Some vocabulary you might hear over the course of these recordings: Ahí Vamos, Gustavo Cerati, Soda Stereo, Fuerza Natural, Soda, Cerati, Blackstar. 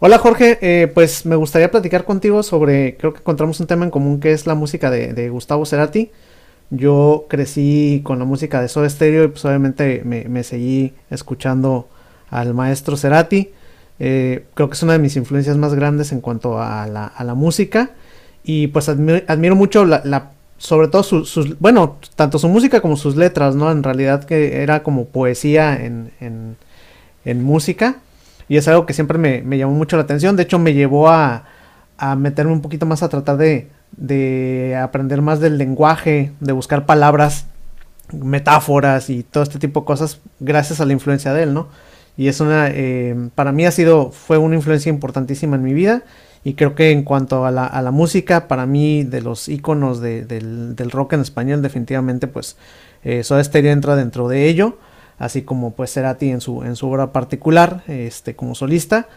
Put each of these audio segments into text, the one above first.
Hola Jorge, pues me gustaría platicar contigo sobre, creo que encontramos un tema en común que es la música de Gustavo Cerati. Yo crecí con la música de Soda Stereo y pues obviamente me seguí escuchando al maestro Cerati. Creo que es una de mis influencias más grandes en cuanto a la música y pues admiro mucho la sobre todo sus, bueno, tanto su música como sus letras, ¿no? En realidad que era como poesía en música. Y es algo que siempre me llamó mucho la atención. De hecho, me llevó a meterme un poquito más a tratar de aprender más del lenguaje, de buscar palabras, metáforas y todo este tipo de cosas gracias a la influencia de él, ¿no? Y es una, para mí ha sido, fue una influencia importantísima en mi vida y creo que en cuanto a la música, para mí de los íconos de, del rock en español, definitivamente pues Soda Stereo entra dentro de ello, así como pues Cerati en su obra particular, este, como solista.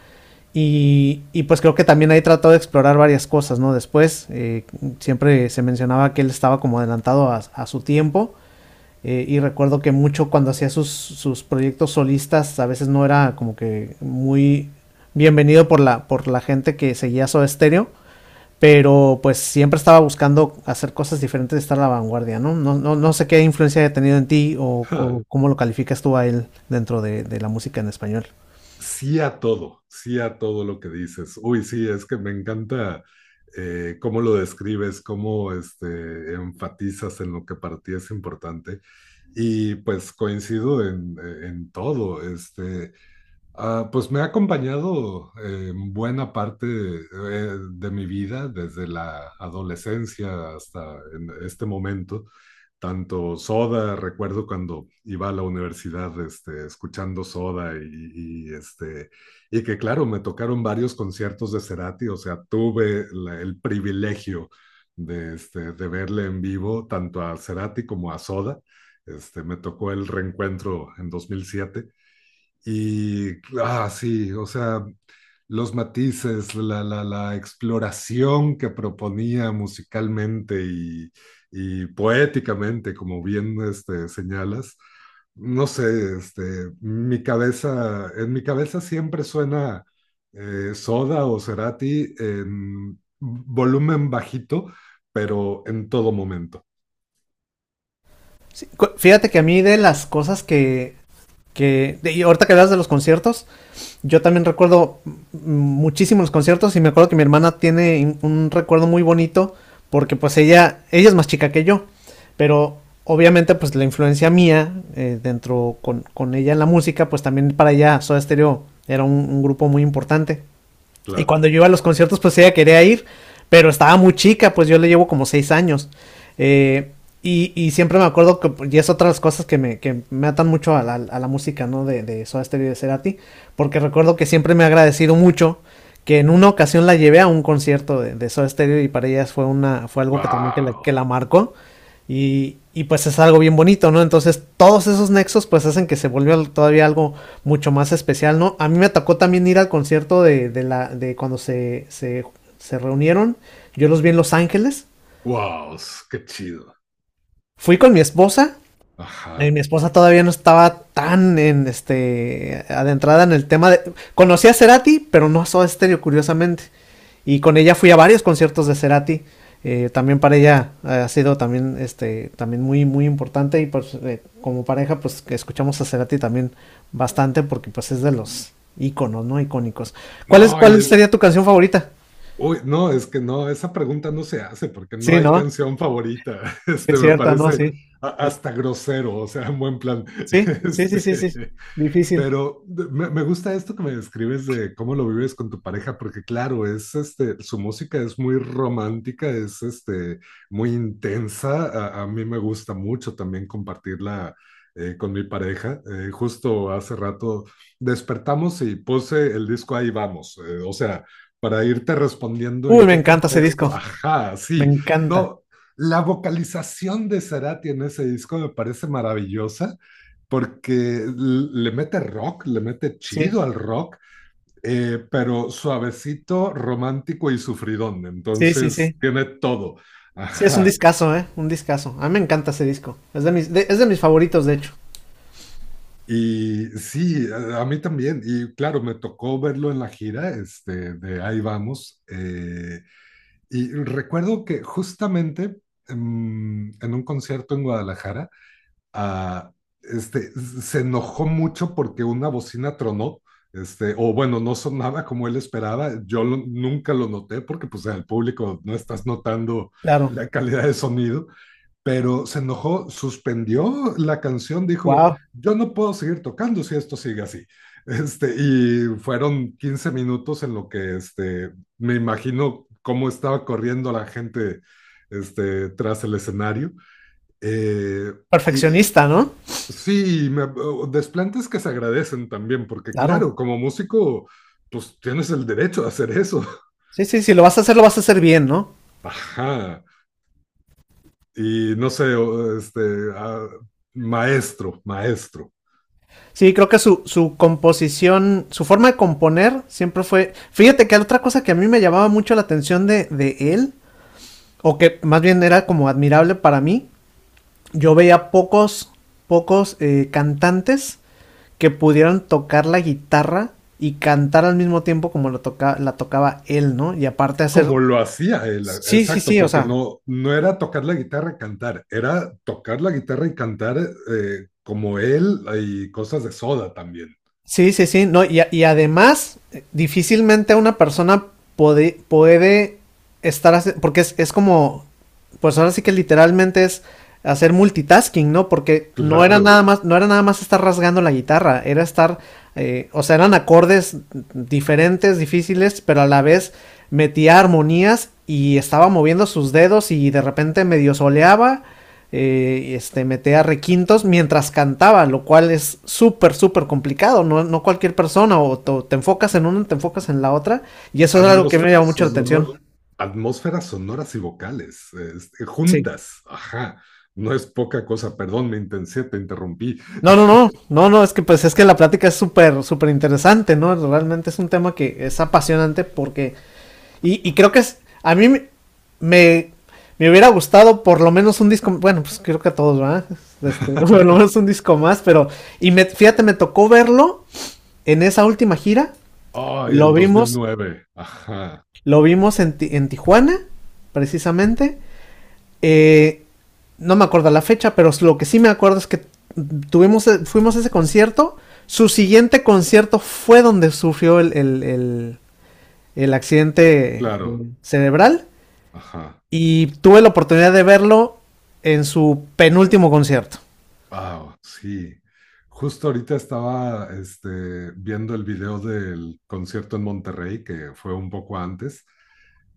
Y pues creo que también ahí trató de explorar varias cosas, ¿no? Después, siempre se mencionaba que él estaba como adelantado a su tiempo. Y recuerdo que mucho cuando hacía sus proyectos solistas a veces no era como que muy bienvenido por la gente que seguía Soda Stereo, pero pues siempre estaba buscando hacer cosas diferentes, estar a la vanguardia, ¿no? No sé qué influencia haya tenido en ti o Ja, cómo lo calificas tú a él dentro de la música en español. sí a todo, sí a todo lo que dices. Uy, sí, es que me encanta cómo lo describes, cómo enfatizas en lo que para ti es importante. Y pues coincido en todo. Pues me ha acompañado en buena parte de mi vida, desde la adolescencia hasta en este momento. Tanto Soda, recuerdo cuando iba a la universidad escuchando Soda y que claro, me tocaron varios conciertos de Cerati, o sea, tuve el privilegio de verle en vivo tanto a Cerati como a Soda. Me tocó el reencuentro en 2007 y sí, o sea, los matices, la exploración que proponía musicalmente y poéticamente, como bien señalas, no sé, este, en mi cabeza siempre suena Soda o Cerati en volumen bajito, pero en todo momento, Sí. Fíjate que a mí de las cosas que y ahorita que hablas de los conciertos, yo también recuerdo muchísimo los conciertos y me acuerdo que mi hermana tiene un recuerdo muy bonito porque pues ella es más chica que yo, pero obviamente pues la influencia mía, dentro con ella en la música, pues también para ella Soda Stereo era un grupo muy importante. Y cuando claro. yo iba a los conciertos, pues ella quería ir, pero estaba muy chica, pues yo le llevo como 6 años. Eh, Siempre me acuerdo que, pues, y es otra de las cosas que me atan mucho a la música, ¿no? De Soda Stereo y de Cerati, porque recuerdo que siempre me ha agradecido mucho que en una ocasión la llevé a un concierto de Soda Stereo y para ella fue, una, fue algo que también que la, que ¡Wow! la marcó. Y pues es algo bien bonito, ¿no? Entonces todos esos Sí. nexos pues hacen que se volvió todavía algo mucho más especial, ¿no? A mí me tocó también ir al concierto de la, de cuando se reunieron. Yo los vi en Los Ángeles. ¡Wow! ¡Qué chido! Fui con mi esposa. Mi Ajá. esposa todavía no estaba tan en este adentrada en el tema de. Conocí a Cerati, pero no a Soda Stereo, curiosamente. Y con ella fui a varios conciertos de Cerati. También para ella ha sido también este también muy muy importante y pues como pareja pues escuchamos a Cerati también bastante porque pues es de los íconos, ¿no? Icónicos. ¿Cuál es No, y cuál es, sería tu canción favorita? uy, no, es que no, esa pregunta no se hace porque no Sí, hay ¿no? canción favorita. Sí, Este, es me cierta, ¿no? parece Sí. Es- hasta grosero, o sea, en buen plan. sí, sí, sí, sí, Este, sí. Difícil. pero me gusta esto que me describes de cómo lo vives con tu pareja, porque claro, es este, su música es muy romántica, es este, muy intensa. A mí me gusta mucho también compartirla con mi pareja. Justo hace rato despertamos y puse el disco Ahí vamos. Eh, o sea, para irte respondiendo Uy, en me qué encanta ese contexto. disco. Ajá, Me sí. encanta. No, la vocalización de Cerati en ese disco me parece maravillosa porque le mete rock, le mete Sí, chido al rock, pero suavecito, romántico y sufridón. sí, sí, Entonces sí. tiene todo. Sí, es un Ajá. discazo, ¿eh? Un discazo. A mí me encanta ese disco. Es de mis, es de mis favoritos, de hecho. Y sí, a mí también. Y claro, me tocó verlo en la gira, este, de Ahí Vamos. Eh, y recuerdo que justamente en un concierto en Guadalajara, a, se enojó mucho porque una bocina tronó, este, o bueno, no sonaba como él esperaba. Nunca lo noté porque pues al público no estás notando Claro. la calidad de sonido, pero se enojó, suspendió la canción, dijo, Wow. yo no puedo seguir tocando si esto sigue así. Este, y fueron 15 minutos en lo que este, me imagino cómo estaba corriendo la gente este, tras el escenario. Eh, y, Perfeccionista, ¿no? Sí, o desplantes que se agradecen también, porque Claro. claro, como músico, pues tienes el derecho a hacer eso. Sí, sí, sí, lo vas a hacer, lo vas a hacer bien, ¿no? Ajá. Y no sé, ah, maestro, maestro. Sí, creo que su composición, su forma de componer siempre fue... Fíjate que otra cosa que a mí me llamaba mucho la atención de él, o que más bien era como admirable para mí, yo veía pocos cantantes que pudieran tocar la guitarra y cantar al mismo tiempo como lo la tocaba él, ¿no? Y aparte hacer... Como lo hacía él, ah, Sí, sí, exacto, sí, o porque sea. no, no era tocar la guitarra y cantar, era tocar la guitarra y cantar como él y cosas de Soda también. Sí, sí, sí, no, y, y además, difícilmente una persona puede estar, porque es como, pues ahora sí que literalmente es hacer multitasking, ¿no? Porque no era nada Claro. más, no era nada más estar rasgando la guitarra, era estar, o sea, eran acordes diferentes, difíciles, pero a la vez metía armonías y estaba moviendo sus dedos y de repente medio soleaba, metía requintos mientras cantaba, lo cual es súper, súper complicado. No, no cualquier persona, o te enfocas en una, te enfocas en la otra. Y eso es algo que me llamó Atmósferas mucho la atención. sonor, Atmósferas sonoras y vocales, este, Sí. juntas, ajá, no es poca cosa, perdón, me intensé, te interrumpí. No, no, no, no, no, es que pues es que la plática es súper, súper interesante, ¿no? Realmente es un tema que es apasionante porque, y creo que es, a mí me, me, me, hubiera gustado por lo menos un disco, bueno, pues creo que a todos, ¿verdad? Este, por lo menos un disco más, pero, y me, fíjate, me tocó verlo en esa última gira. Ay, Lo el dos mil vimos, nueve ajá, lo vimos en, en Tijuana, precisamente. Eh, no me acuerdo la fecha, pero lo que sí me acuerdo es que tuvimos, e, fuimos a ese concierto. Su siguiente concierto fue donde sufrió el accidente claro, cerebral. ajá. Y tuve la oportunidad de verlo en su penúltimo concierto. Wow, sí. Justo ahorita estaba este, viendo el video del concierto en Monterrey, que fue un poco antes.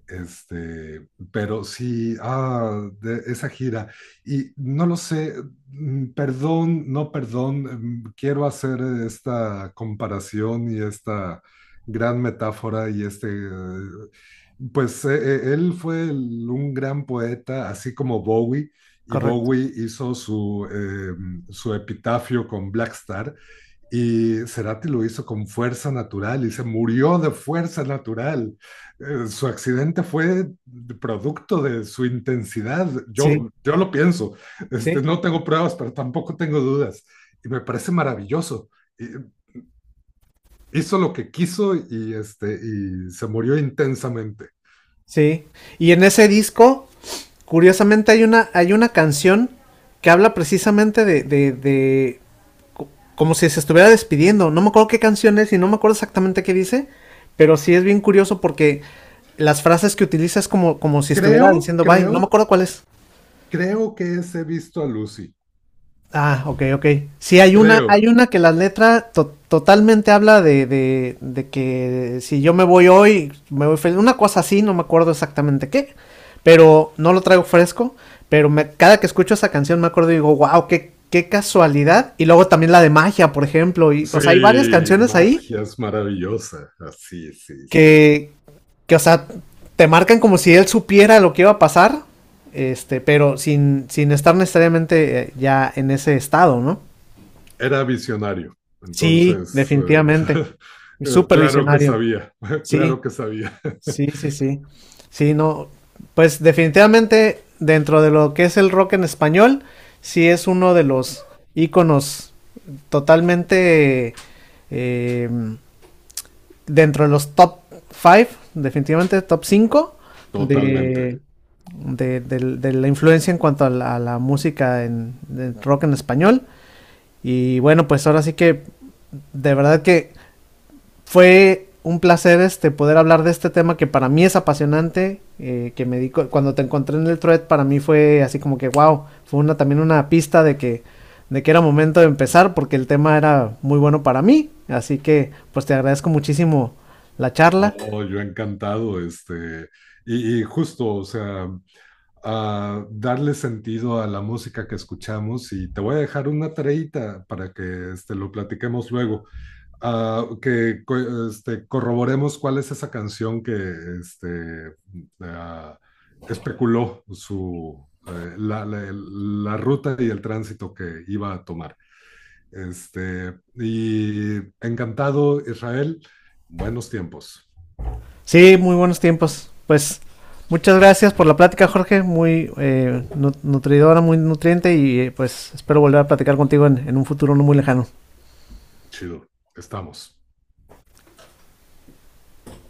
Este, pero sí, ah, de esa gira. Y no lo sé, mm, perdón, no perdón, quiero hacer esta comparación y esta gran metáfora y pues eh, él fue un gran poeta, así como Bowie, y Correcto. Bowie hizo su epitafio con Blackstar y Cerati lo hizo con fuerza natural y se murió de fuerza natural. Su accidente fue producto de su intensidad. Sí, Yo lo pienso, sí, este, no tengo pruebas, pero tampoco tengo dudas y me parece maravilloso. Hizo lo que quiso y, este, y se murió intensamente. sí. Y en ese disco, curiosamente, hay una canción que habla precisamente de como si se estuviera despidiendo. No me acuerdo qué canción es y no me acuerdo exactamente qué dice, pero sí es bien curioso porque las frases que utiliza es como, como si estuviera Creo, diciendo bye. No me creo, acuerdo cuál es. Creo que ese visto a Lucy. Ah, ok, ok. Sí, hay Creo. una que la letra totalmente habla de que si yo me voy hoy, me voy feliz. Una cosa así, no me acuerdo exactamente qué, pero no lo traigo fresco. Pero me, cada que escucho esa canción me acuerdo y digo, wow, qué, qué casualidad. Y luego también la de magia, por ejemplo. Y, o sea, hay varias Sí, canciones ahí magia es maravillosa. Así, sí, sí. que, que o sea, te marcan como si él supiera lo que iba a pasar, este, pero sin, sin estar necesariamente ya en ese estado, ¿no? Era visionario, Sí, entonces, definitivamente. Súper claro que visionario. sabía, Sí, claro que sabía. sí, sí, sí. Sí, no. Pues definitivamente dentro de lo que es el rock en español, sí es uno de los íconos totalmente, eh, dentro de los top 5, definitivamente top 5 Totalmente. de, de de la influencia en cuanto a la música en de rock en español. Y bueno, pues ahora sí que de verdad que fue un placer este, poder hablar de este tema que para mí es apasionante, que me di cuando te encontré en el thread, para mí fue así como que wow, fue una también una pista de que era momento de empezar porque el tema era muy bueno para mí, así que pues te agradezco muchísimo la charla. No, yo encantado, este, y justo, o sea, a darle sentido a la música que escuchamos y te voy a dejar una tareita para que este, lo platiquemos luego. Ah, corroboremos cuál es esa canción que este, ah, especuló la ruta y el tránsito que iba a tomar. Este, y encantado, Israel. Buenos tiempos. Sí, muy buenos tiempos. Pues muchas gracias por la plática, Jorge, muy nutridora, muy nutriente y pues espero volver a platicar contigo en un futuro no muy lejano. Chido. Estamos.